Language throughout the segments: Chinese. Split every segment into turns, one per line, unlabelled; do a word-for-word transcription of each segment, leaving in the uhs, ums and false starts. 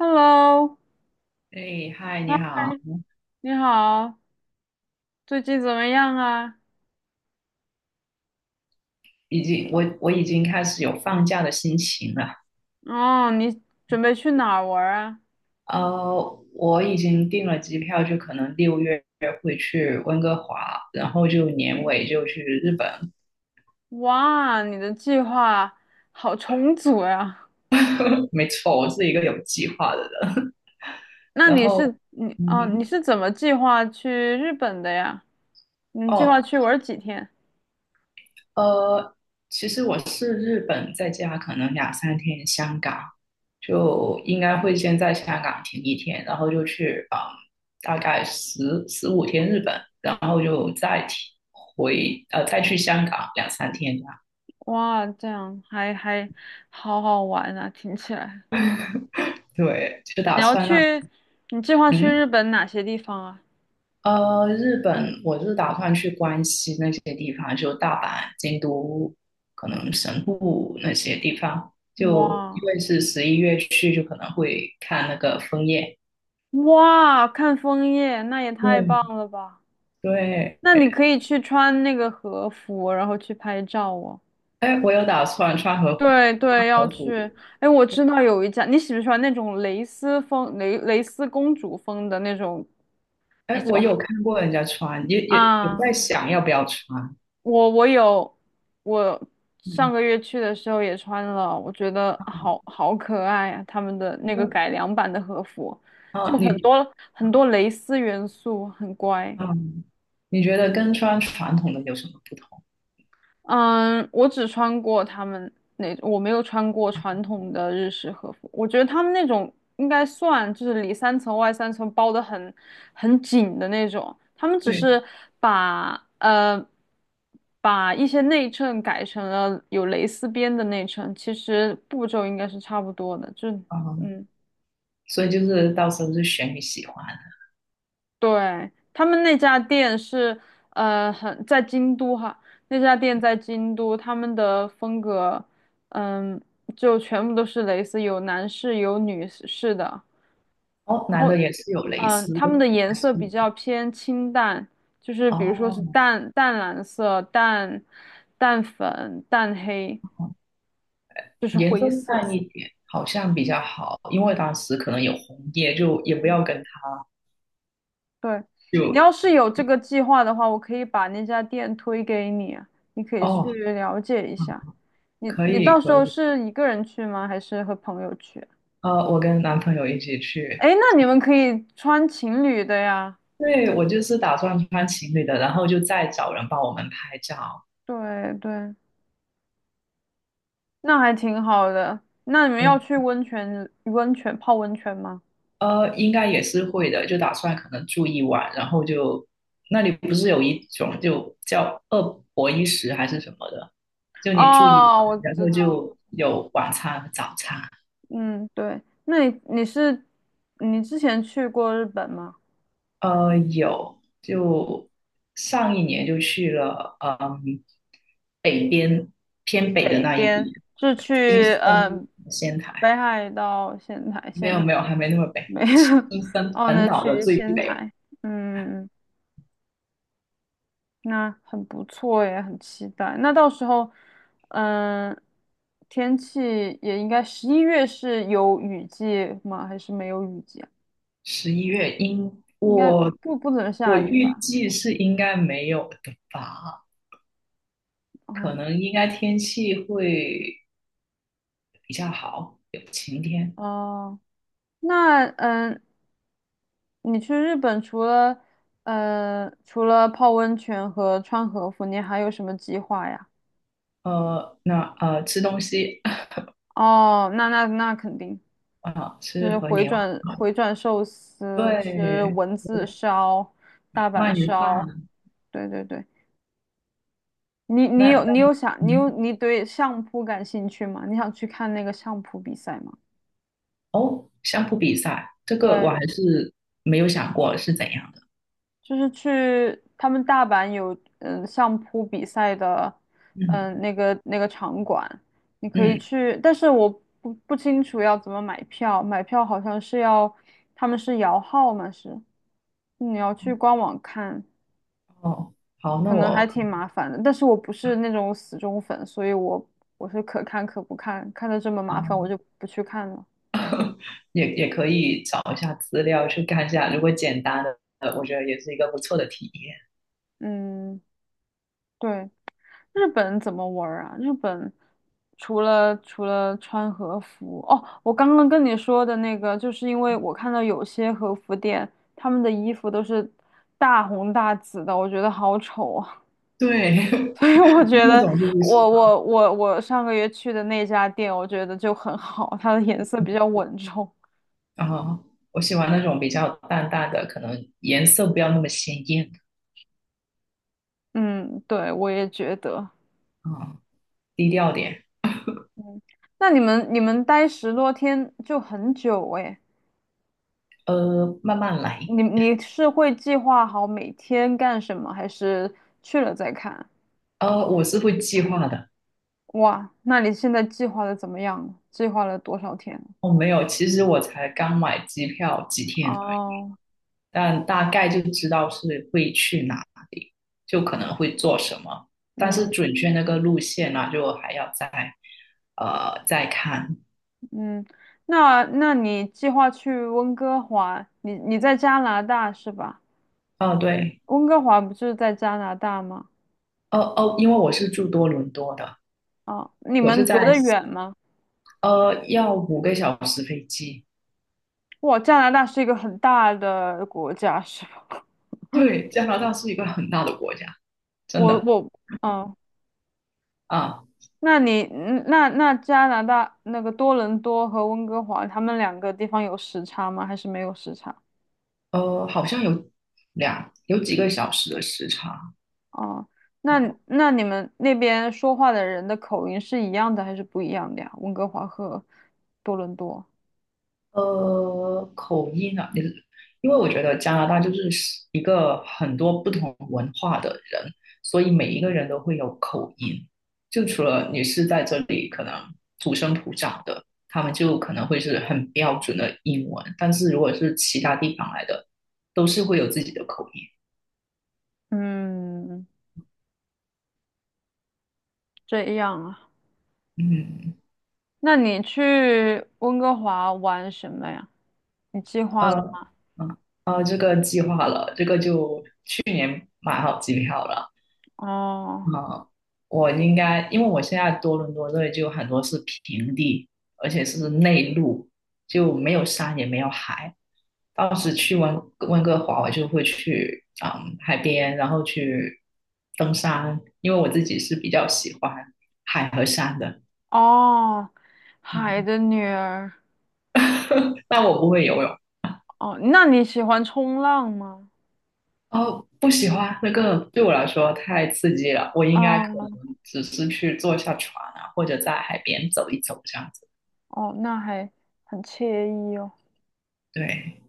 Hello，
哎，嗨，
嗨，
你好。
你好，最近怎么样啊？
已经我我已经开始有放假的心情了。
哦，你准备去哪儿玩儿啊？
呃，我已经订了机票，就可能六月会去温哥华，然后就年尾就去日本。
哇，你的计划好充足呀！
没错，我是一个有计划的人。
那
然
你
后，
是你
嗯
哦，你
哼。
是怎么计划去日本的呀？你计划
哦，
去玩儿几天？
呃，其实我是日本，在家可能两三天。香港就应该会先在香港停一天，然后就去嗯，大概十十五天日本，然后就再停回呃再去香港两三天这样。
哇，这样还还好好玩啊，听起来。
对，就
你
打
要
算那
去，你计划去
嗯
日本哪些地方啊？
呃日本，我是打算去关西那些地方，就大阪、京都，可能神户那些地方。就因
哇
为是十一月去，就可能会看那个枫叶。
哇，看枫叶，那也太
对
棒了吧！
对。
那你可以去穿那个和服，然后去拍照哦。
哎，我有打算穿和服，
对
穿
对，要
和
去。
服。
哎，我知道有一家，你喜不喜欢那种蕾丝风、蕾蕾丝公主风的那种那
哎，我
种
有 看过人家穿，也也有
啊？
在想要不要穿。
我我有，我上
嗯，
个月去的时候也穿了，我觉得好好可爱啊！他们的那个
那
改良版的和服，就
啊，
很
你
多很多蕾丝元素，很乖。
嗯，你觉得跟穿传统的有什么不同？
嗯，我只穿过他们那，我没有穿过传统的日式和服。我觉得他们那种应该算就是里三层外三层包得很很紧的那种。他们只
对。
是把呃把一些内衬改成了有蕾丝边的内衬，其实步骤应该是差不多的。就
啊，
嗯。
所以就是到时候是选你喜欢的。
对，他们那家店是，呃，很在京都哈，那家店在京都，他们的风格，嗯，就全部都是蕾丝，有男士有女士的，然
哦，男
后，
的也是有蕾
嗯，
丝
他
的，
们的颜
是
色比较偏清淡，就是比如说是
哦。
淡淡蓝色、淡淡粉、淡黑，
哦
就是
颜色
灰
淡
色。
一点好像比较好，因为当时可能有红叶，就也不
嗯
要跟他
对，你
就。
要是有这个计划的话，我可以把那家店推给你，你可以去
哦，
了解一
嗯
下。你
可
你
以
到时
可
候
以。
是一个人去吗？还是和朋友去？
呃，我跟男朋友一起去。
哎，那你们可以穿情侣的呀。
对，我就是打算穿情侣的，然后就再找人帮我们拍照。
对对，那还挺好的。那你们
对。
要去温泉温泉泡温泉吗？
呃，应该也是会的，就打算可能住一晚，然后就那里不是有一种就叫二博一食还是什么的，就你住一晚，
哦，我
然
知
后
道。
就有晚餐和早餐。
嗯，对。那你你是你之前去过日本吗？
呃，有，就上一年就去了。嗯，北边偏北的
北
那一边。
边，是
对，新
去
生
嗯
仙台。
北海道仙台，
没有
仙台
没有，还没那么北，
没有，
青 三
哦，
本
那
岛的
去
最
仙
北了。
台，嗯，那很不错耶，很期待。那到时候，嗯，天气也应该十一月是有雨季吗？还是没有雨季啊？
十一月应
应该
我
不不怎么
我
下雨
预
吧？
计是应该没有的吧，可
哦
能应该天气会比较好，有晴天。
哦，那嗯，你去日本除了呃，除了泡温泉和穿和服，你还有什么计划呀？
呃，那呃吃东西。
哦，那那那肯定
啊，
就
吃
是
和
回
牛。
转回转寿司，
对
吃文字
对，
烧、大阪
鳗鱼
烧，
饭。
对对对。你你
那
有
那
你有想你
嗯
有你对相扑感兴趣吗？你想去看那个相扑比赛吗？
哦，相扑比赛这个我
对，
还是没有想过是怎样的。
就是去他们大阪有嗯相扑比赛的嗯
嗯
那个那个场馆，你可以
嗯
去，但是我不不清楚要怎么买票，买票好像是要他们是摇号嘛，是你要去官网看，
哦，好，那
可能还
我
挺麻烦的。但是我不是那种死忠粉，所以我我是可看可不看，看的这么麻
啊。
烦我就不去看了。
也也可以找一下资料去看一下，如果简单的，呃我觉得也是一个不错的体验。
嗯，对。日本怎么玩儿啊？日本除了除了穿和服，哦，我刚刚跟你说的那个，就是因为我看到有些和服店，他们的衣服都是大红大紫的，我觉得好丑啊。
对，
所以我觉
那
得
种就不喜
我
欢。
我我我上个月去的那家店，我觉得就很好，它的颜色比较稳重。
啊，我喜欢那种比较淡淡的，可能颜色不要那么鲜艳
嗯，对，我也觉得。
啊、低调点。
嗯，那你们你们待十多天就很久诶。
呃，慢慢来。
你你是会计划好每天干什么，还是去了再看？
呃，我是会计划的。
哇，那你现在计划的怎么样了计划了多少天？
我哦没有，其实我才刚买机票几天而已。
哦，
但大概就知道是会去哪里，就可能会做什么，但是
嗯
准确那个路线呢、啊就还要再呃再看。
嗯，那那你计划去温哥华？你你在加拿大是吧？
哦，对。
温哥华不就是在加拿大吗？
哦哦，因为我是住多伦多的。
啊、你
我是
们隔
在
得远吗？
呃要五个小时飞机。
哇，加拿大是一个很大的国家，是吧？
对，加拿大是一个很大的国家，真
我
的
我嗯，
啊。
那你嗯那那加拿大那个多伦多和温哥华，他们两个地方有时差吗？还是没有时差？
呃，好像有两有几个小时的时差。
哦，那
哦。
那你们那边说话的人的口音是一样的还是不一样的呀？温哥华和多伦多。
呃，口音啊。因为我觉得加拿大就是一个很多不同文化的人，所以每一个人都会有口音。就除了你是在这里可能土生土长的，他们就可能会是很标准的英文，但是如果是其他地方来的，都是会有自己的口音。
嗯，这样啊。
嗯，
那你去温哥华玩什么呀？你计划了
呃，
吗？
嗯，呃，这个计划了，这个就去年买好机票了。
哦
啊，我应该，因为我现在多伦多这里就很多是平地，而且是内陆，就没有山也没有海。当时去温温哥华，我就会去嗯海边，然后去登山，因为我自己是比较喜欢海和山的。
哦，海
嗯，
的女儿。
但我不会游泳。
哦，那你喜欢冲浪吗？
哦，不喜欢那个对我来说太刺激了，我应该可
哦
能只是去坐下船啊，或者在海边走一走这样子。
哦，那还很惬意哦。
对，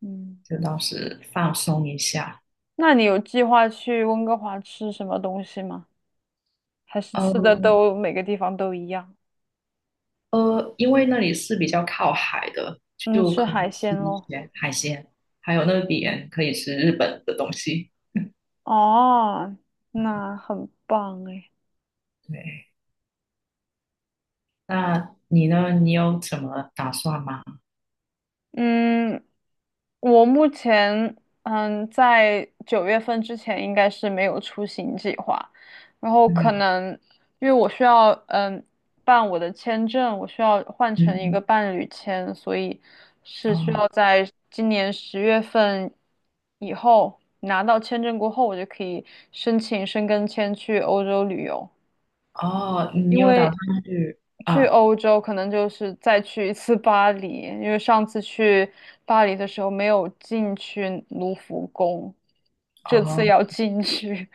嗯，
就当时放松一下。
那你有计划去温哥华吃什么东西吗？还是吃的
嗯
都每个地方都一样？
呃，因为那里是比较靠海的，
嗯，
就
吃
可以
海
吃
鲜
一
咯。
些海鲜，还有那边可以吃日本的东西。
哦，那很棒诶。
对。那你呢？你有什么打算吗？
嗯，我目前嗯，在九月份之前应该是没有出行计划，然后可
嗯。
能因为我需要嗯办我的签证，我需要换成一个
嗯，
伴侣签，所以是需
哦
要在今年十月份以后拿到签证过后，我就可以申请申根签去欧洲旅游。
哦，你
因
有打
为
算去
去
啊？
欧洲可能就是再去一次巴黎，因为上次去巴黎的时候没有进去卢浮宫，这次
哦，
要进去。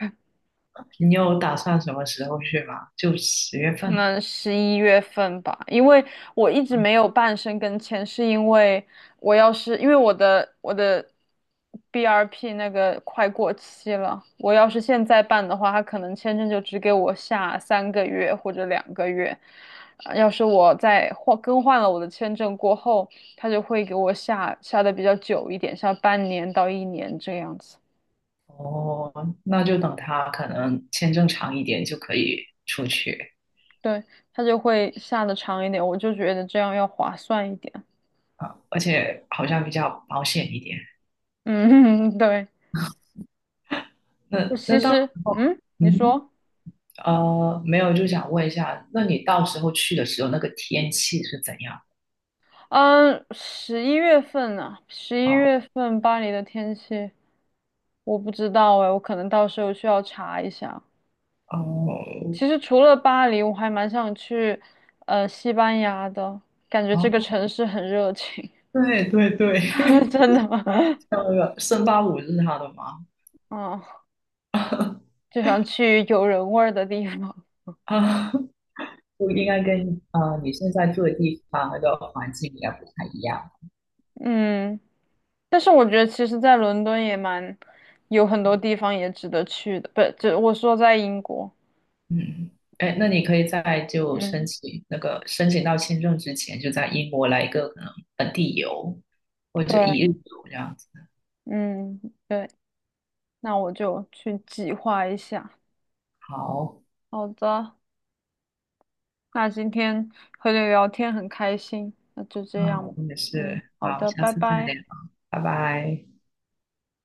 你有打算什么时候去吗？就十月
可
份。
能十一月份吧，因为我一直没有办申根签，是因为我要是因为我的我的 B R P 那个快过期了，我要是现在办的话，他可能签证就只给我下三个月或者两个月，呃要是我再换更换了我的签证过后，他就会给我下下的比较久一点，下半年到一年这样子，
哦，那就等他可能签证长一点就可以出去。
对，他就会下的长一点，我就觉得这样要划算一点，
而且好像比较保险一点。
嗯，对。
那
我其
那到时
实，
候，
嗯，你
嗯，
说，
呃，没有，就想问一下，那你到时候去的时候，那个天气是怎样
嗯，十一月份呢、十一
啊？
月份巴黎的天气我不知道哎，我可能到时候需要查一下。
哦。
其实除了巴黎，我还蛮想去，呃，西班牙的，感觉这个
哦，
城市很热情，
对对对。
真的，
像那个圣巴五日他的吗？
嗯，就想去有人味儿的地方。
啊，就应该跟啊你现在住的地方那个环境应该不太一样。
嗯，但是我觉得其实，在伦敦也蛮有很多地方也值得去的，不，这我说在英国，
嗯。哎，那你可以在就申
嗯。
请那个申请到签证之前，就在英国来一个可能本地游或者一日
对。
游这样子。
嗯，对，那我就去计划一下。
好，
好的，那今天和你聊天很开心，那就
嗯，
这样。
我也
嗯，
是。
好
好，
的，
下
拜
次再
拜。
聊。拜拜。